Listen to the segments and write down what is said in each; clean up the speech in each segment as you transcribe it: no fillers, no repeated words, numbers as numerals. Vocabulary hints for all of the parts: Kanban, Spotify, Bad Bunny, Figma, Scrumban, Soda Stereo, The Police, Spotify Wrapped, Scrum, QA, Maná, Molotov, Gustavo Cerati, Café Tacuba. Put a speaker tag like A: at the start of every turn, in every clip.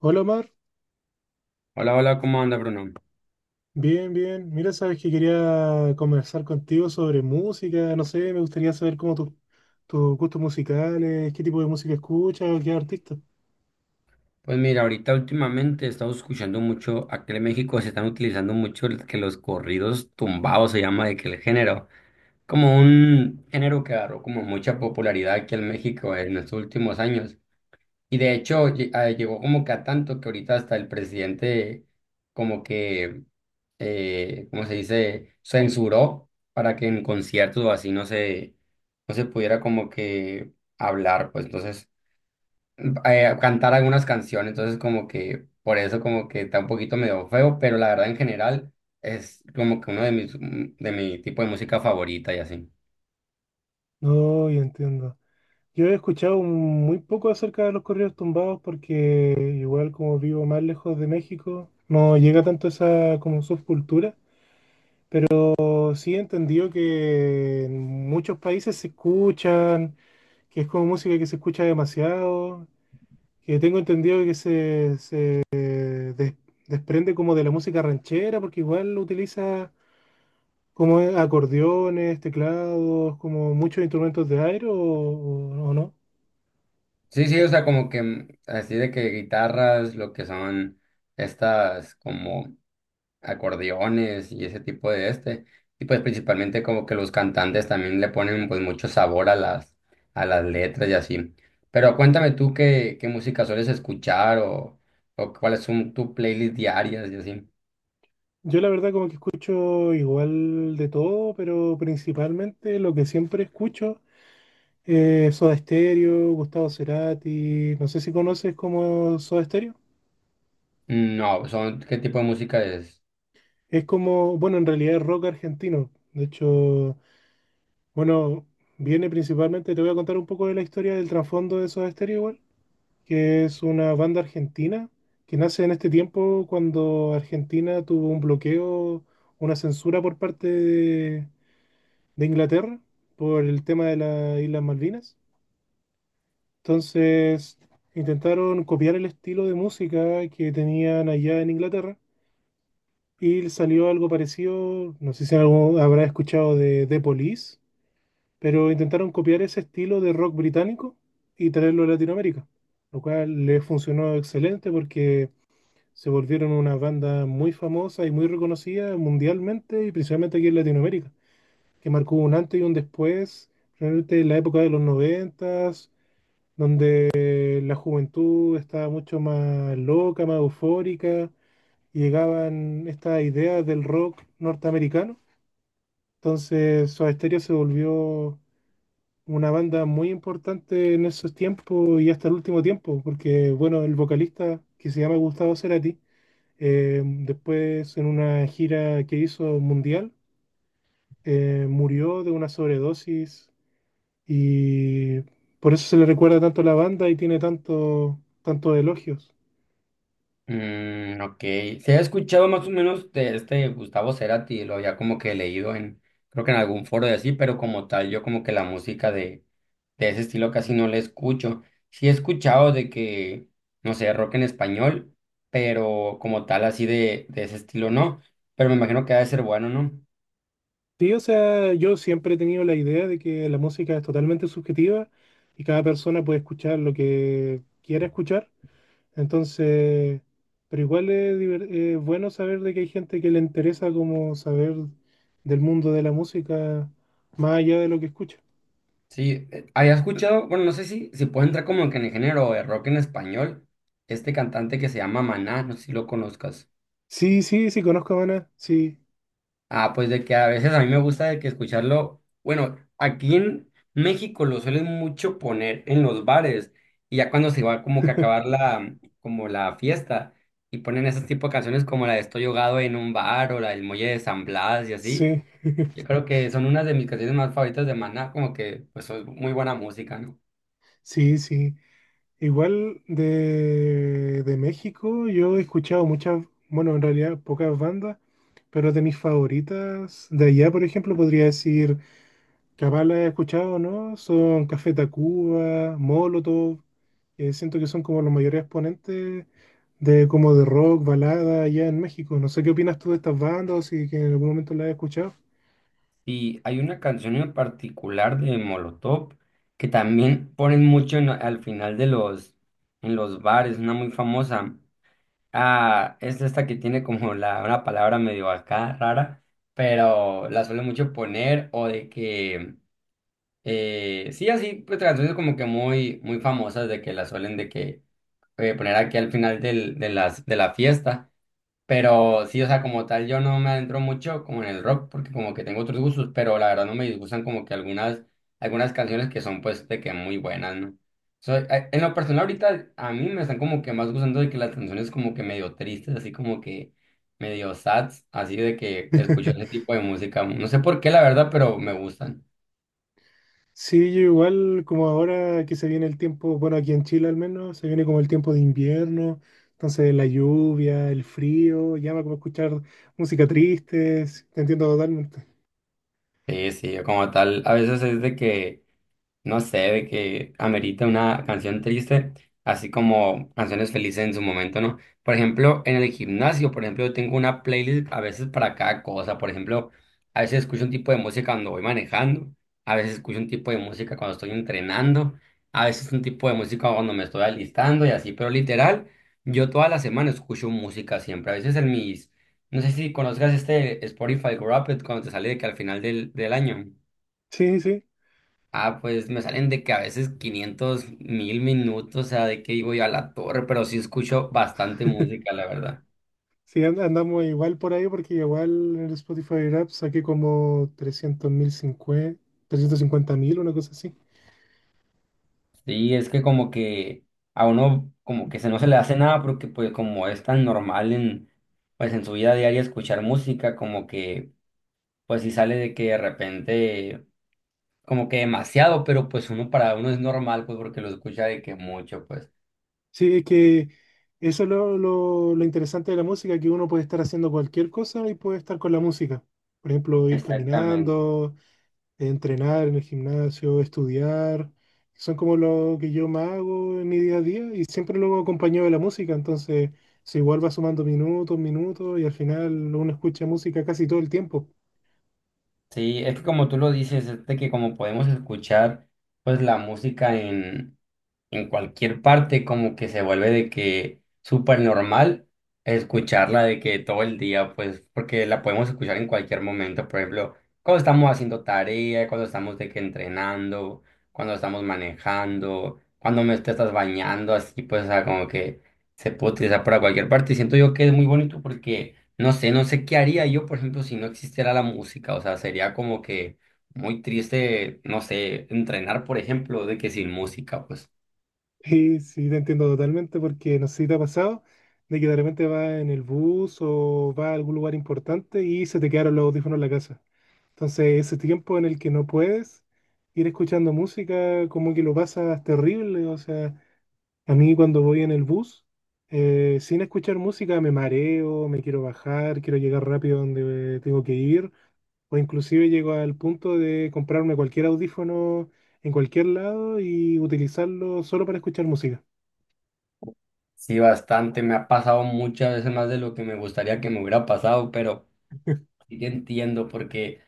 A: Hola Omar,
B: Hola, hola, ¿cómo anda Bruno?
A: bien, bien. Mira, sabes que quería conversar contigo sobre música, no sé, me gustaría saber cómo tus gustos musicales, qué tipo de música escuchas o qué artista.
B: Pues mira, ahorita últimamente he estado escuchando mucho, aquí en México se están utilizando mucho que los corridos tumbados se llama de que el género, como un género que agarró como mucha popularidad aquí en México en estos últimos años. Y de hecho llegó como que a tanto que ahorita hasta el presidente como que, ¿cómo se dice? Censuró para que en conciertos o así no se pudiera como que hablar, pues entonces, cantar algunas canciones, entonces como que por eso como que está un poquito medio feo, pero la verdad en general es como que uno de mi tipo de música favorita y así.
A: No, ya entiendo. Yo he escuchado muy poco acerca de los corridos tumbados porque igual como vivo más lejos de México, no llega tanto esa como subcultura, pero sí he entendido que en muchos países se escuchan, que es como música que se escucha demasiado, que tengo entendido que se des- desprende como de la música ranchera, porque igual utiliza como acordeones, teclados, como muchos instrumentos de aire o no.
B: Sí, sí, o sea, como que así de que guitarras, lo que son estas como acordeones y ese tipo de este. Y pues principalmente como que los cantantes también le ponen pues mucho sabor a las letras y así. Pero cuéntame tú qué música sueles escuchar o cuáles son tus playlists diarias y así.
A: Yo la verdad como que escucho igual de todo, pero principalmente lo que siempre escucho es Soda Stereo, Gustavo Cerati, no sé si conoces como Soda Stereo.
B: No, son, ¿qué tipo de música es?
A: Es como, bueno, en realidad es rock argentino. De hecho, bueno, viene principalmente, te voy a contar un poco de la historia del trasfondo de Soda Stereo igual, que es una banda argentina que nace en este tiempo cuando Argentina tuvo un bloqueo, una censura por parte de Inglaterra por el tema de las Islas Malvinas. Entonces intentaron copiar el estilo de música que tenían allá en Inglaterra y salió algo parecido, no sé si algo habrá escuchado de The Police, pero intentaron copiar ese estilo de rock británico y traerlo a Latinoamérica, lo cual les funcionó excelente porque se volvieron una banda muy famosa y muy reconocida mundialmente y principalmente aquí en Latinoamérica, que marcó un antes y un después, realmente en la época de los noventas, donde la juventud estaba mucho más loca, más eufórica, y llegaban estas ideas del rock norteamericano. Entonces, Soda Stereo se volvió una banda muy importante en esos tiempos y hasta el último tiempo, porque bueno, el vocalista que se llama Gustavo Cerati, después en una gira que hizo mundial, murió de una sobredosis y por eso se le recuerda tanto a la banda y tiene tanto, tantos elogios.
B: Mm, ok. Se ha escuchado más o menos de este Gustavo Cerati, lo había como que leído en, creo que en algún foro de así, pero como tal, yo como que la música de ese estilo casi no la escucho. Sí he escuchado de que, no sé, rock en español, pero como tal, así de ese estilo no. Pero me imagino que ha de ser bueno, ¿no?
A: Sí, o sea, yo siempre he tenido la idea de que la música es totalmente subjetiva y cada persona puede escuchar lo que quiera escuchar. Entonces, pero igual es, es bueno saber de que hay gente que le interesa como saber del mundo de la música más allá de lo que escucha.
B: Sí, había escuchado, bueno, no sé si puede entrar como que en el género de rock en español, este cantante que se llama Maná, no sé si lo conozcas.
A: Sí, sí, sí, conozco a Maná, sí,
B: Ah, pues de que a veces a mí me gusta de que escucharlo. Bueno, aquí en México lo suelen mucho poner en los bares y ya cuando se va como que a acabar la como la fiesta y ponen ese tipo de canciones como la de Estoy ahogado en un bar o la del Muelle de San Blas y así.
A: sí,
B: Yo creo que son unas de mis canciones más favoritas de Maná, como que pues es muy buena música, ¿no?
A: sí, sí. Igual de México yo he escuchado muchas, bueno, en realidad pocas bandas, pero de mis favoritas de allá, por ejemplo, podría decir, capaz la he escuchado, ¿no? Son Café Tacuba, Molotov. Siento que son como los mayores exponentes de como de rock, balada allá en México. No sé qué opinas tú de estas bandas o si que en algún momento las has escuchado.
B: Y hay una canción en particular de Molotov que también ponen mucho al final de los en los bares, una muy famosa. Ah, es esta que tiene como una palabra medio acá rara, pero la suele mucho poner o de que, sí, así, pues canciones como que muy, muy famosas de que la suelen de que poner aquí al final de la fiesta. Pero sí, o sea, como tal, yo no me adentro mucho como en el rock, porque como que tengo otros gustos, pero la verdad no me disgustan como que algunas canciones que son pues de que muy buenas, ¿no? So, en lo personal ahorita a mí me están como que más gustando de que las canciones como que medio tristes, así como que medio sads, así de que escucho ese tipo de música. No sé por qué, la verdad, pero me gustan.
A: Sí, yo igual como ahora que se viene el tiempo, bueno, aquí en Chile al menos, se viene como el tiempo de invierno, entonces la lluvia, el frío, llama como escuchar música triste, sí, te entiendo totalmente.
B: Sí, sí, como tal, a veces es de que no sé, de que amerita una canción triste, así como canciones felices en su momento, ¿no? Por ejemplo, en el gimnasio, por ejemplo, yo tengo una playlist a veces para cada cosa. Por ejemplo, a veces escucho un tipo de música cuando voy manejando, a veces escucho un tipo de música cuando estoy entrenando, a veces un tipo de música cuando me estoy alistando y así, pero literal, yo toda la semana escucho música siempre. A veces en mis, no sé si conozcas este Spotify Wrapped cuando te sale de que al final del año.
A: Sí, sí.
B: Ah, pues me salen de que a veces 500,000 minutos, o sea, de que digo yo a la torre, pero sí escucho bastante música, la verdad.
A: Sí, andamos igual por ahí porque igual en el Spotify Rap saqué como 300.000, 350.000, una cosa así.
B: Sí, es que como que a uno como que se no se le hace nada porque pues como es tan normal en pues en su vida diaria escuchar música, como que pues sí sale de que de repente como que demasiado, pero pues uno para uno es normal pues porque lo escucha de que mucho, pues.
A: Sí, es que eso es lo interesante de la música, que uno puede estar haciendo cualquier cosa y puede estar con la música. Por ejemplo, ir
B: Exactamente.
A: caminando, entrenar en el gimnasio, estudiar. Son como lo que yo más hago en mi día a día y siempre lo hago acompañado de la música. Entonces, se igual va sumando minutos, minutos, y al final uno escucha música casi todo el tiempo.
B: Sí, es que como tú lo dices, es de que como podemos escuchar pues la música en cualquier parte como que se vuelve de que súper normal escucharla de que todo el día, pues porque la podemos escuchar en cualquier momento, por ejemplo, cuando estamos haciendo tarea, cuando estamos de que entrenando, cuando estamos manejando, cuando me te estás bañando, así pues, o sea, como que se puede utilizar para cualquier parte y siento yo que es muy bonito porque no sé, no sé qué haría yo, por ejemplo, si no existiera la música, o sea, sería como que muy triste, no sé, entrenar, por ejemplo, de que sin música, pues.
A: Sí, sí, te entiendo totalmente porque no sé si te ha pasado de que de repente vas en el bus o vas a algún lugar importante y se te quedaron los audífonos en la casa. Entonces, ese tiempo en el que no puedes ir escuchando música, como que lo pasas terrible. O sea, a mí cuando voy en el bus, sin escuchar música me mareo, me quiero bajar, quiero llegar rápido donde tengo que ir, o inclusive llego al punto de comprarme cualquier audífono en cualquier lado y utilizarlo solo para escuchar música.
B: Sí, bastante. Me ha pasado muchas veces más de lo que me gustaría que me hubiera pasado, pero sí que entiendo porque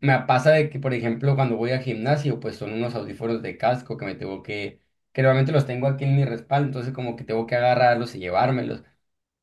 B: me pasa de que, por ejemplo, cuando voy al gimnasio, pues son unos audífonos de casco que me tengo que normalmente los tengo aquí en mi respaldo, entonces como que tengo que agarrarlos y llevármelos,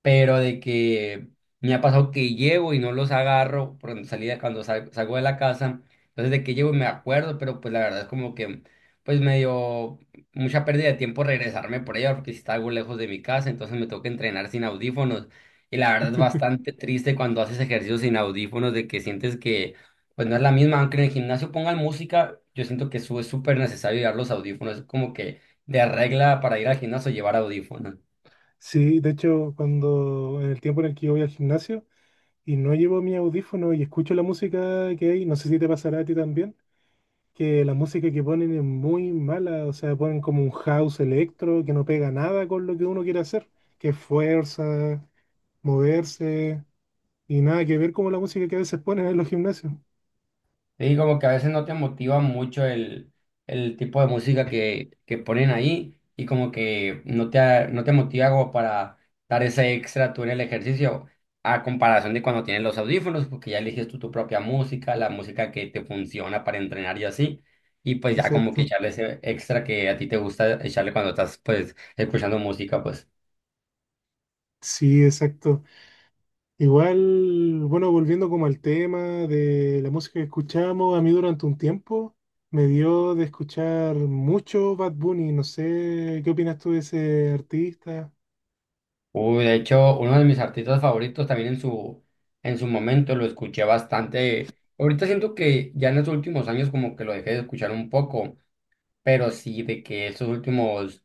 B: pero de que me ha pasado que llevo y no los agarro por cuando salí, salgo de la casa, entonces de que llevo y me acuerdo, pero pues la verdad es como que pues me dio mucha pérdida de tiempo regresarme por ella porque si está algo lejos de mi casa, entonces me toca entrenar sin audífonos y la verdad es bastante triste cuando haces ejercicio sin audífonos de que sientes que pues no es la misma, aunque en el gimnasio pongan música, yo siento que eso es súper necesario llevar los audífonos, es como que de regla para ir al gimnasio llevar audífonos.
A: Sí, de hecho, cuando en el tiempo en el que yo voy al gimnasio y no llevo mi audífono y escucho la música que hay, no sé si te pasará a ti también, que la música que ponen es muy mala, o sea, ponen como un house electro que no pega nada con lo que uno quiere hacer, que es fuerza, moverse, y nada que ver como la música que a veces ponen en los gimnasios.
B: Sí, como que a veces no te motiva mucho el tipo de música que ponen ahí y como que no no te motiva como para dar ese extra tú en el ejercicio a comparación de cuando tienes los audífonos, porque ya eliges tú tu propia música, la música que te funciona para entrenar y así, y pues ya como que
A: Exacto.
B: echarle ese extra que a ti te gusta echarle cuando estás pues escuchando música, pues.
A: Sí, exacto. Igual, bueno, volviendo como al tema de la música que escuchamos, a mí durante un tiempo me dio de escuchar mucho Bad Bunny. No sé, ¿qué opinas tú de ese artista?
B: Uy, de hecho, uno de mis artistas favoritos también en en su momento lo escuché bastante. Ahorita siento que ya en los últimos años como que lo dejé de escuchar un poco, pero sí de que estos últimos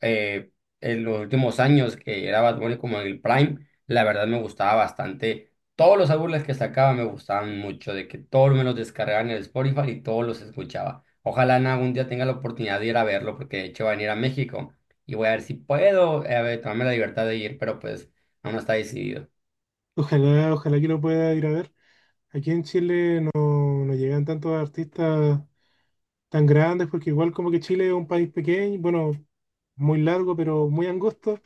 B: eh, en los últimos años que era Bad Bunny como en el Prime, la verdad me gustaba bastante. Todos los álbumes que sacaba me gustaban mucho, de que todos me los descargaban en el Spotify y todos los escuchaba. Ojalá en algún día tenga la oportunidad de ir a verlo, porque de hecho va a venir a México y voy a ver si puedo, a ver, tomarme la libertad de ir, pero pues aún no está decidido.
A: Ojalá, ojalá que lo pueda ir a ver. Aquí en Chile no, no llegan tantos artistas tan grandes porque igual como que Chile es un país pequeño, bueno, muy largo, pero muy angosto.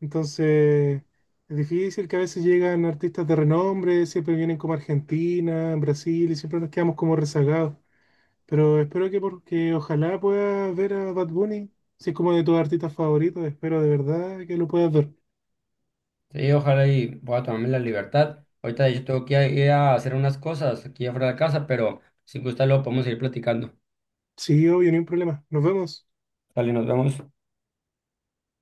A: Entonces, es difícil que a veces llegan artistas de renombre, siempre vienen como Argentina, en Brasil, y siempre nos quedamos como rezagados. Pero espero que porque ojalá puedas ver a Bad Bunny, si es como de tus artistas favoritos, espero de verdad que lo puedas ver.
B: Sí, ojalá y pueda tomarme la libertad. Ahorita de hecho tengo que ir a hacer unas cosas aquí afuera de la casa, pero si gusta luego podemos seguir platicando.
A: Sí, obvio, ni un problema. Nos vemos.
B: Dale, nos vemos.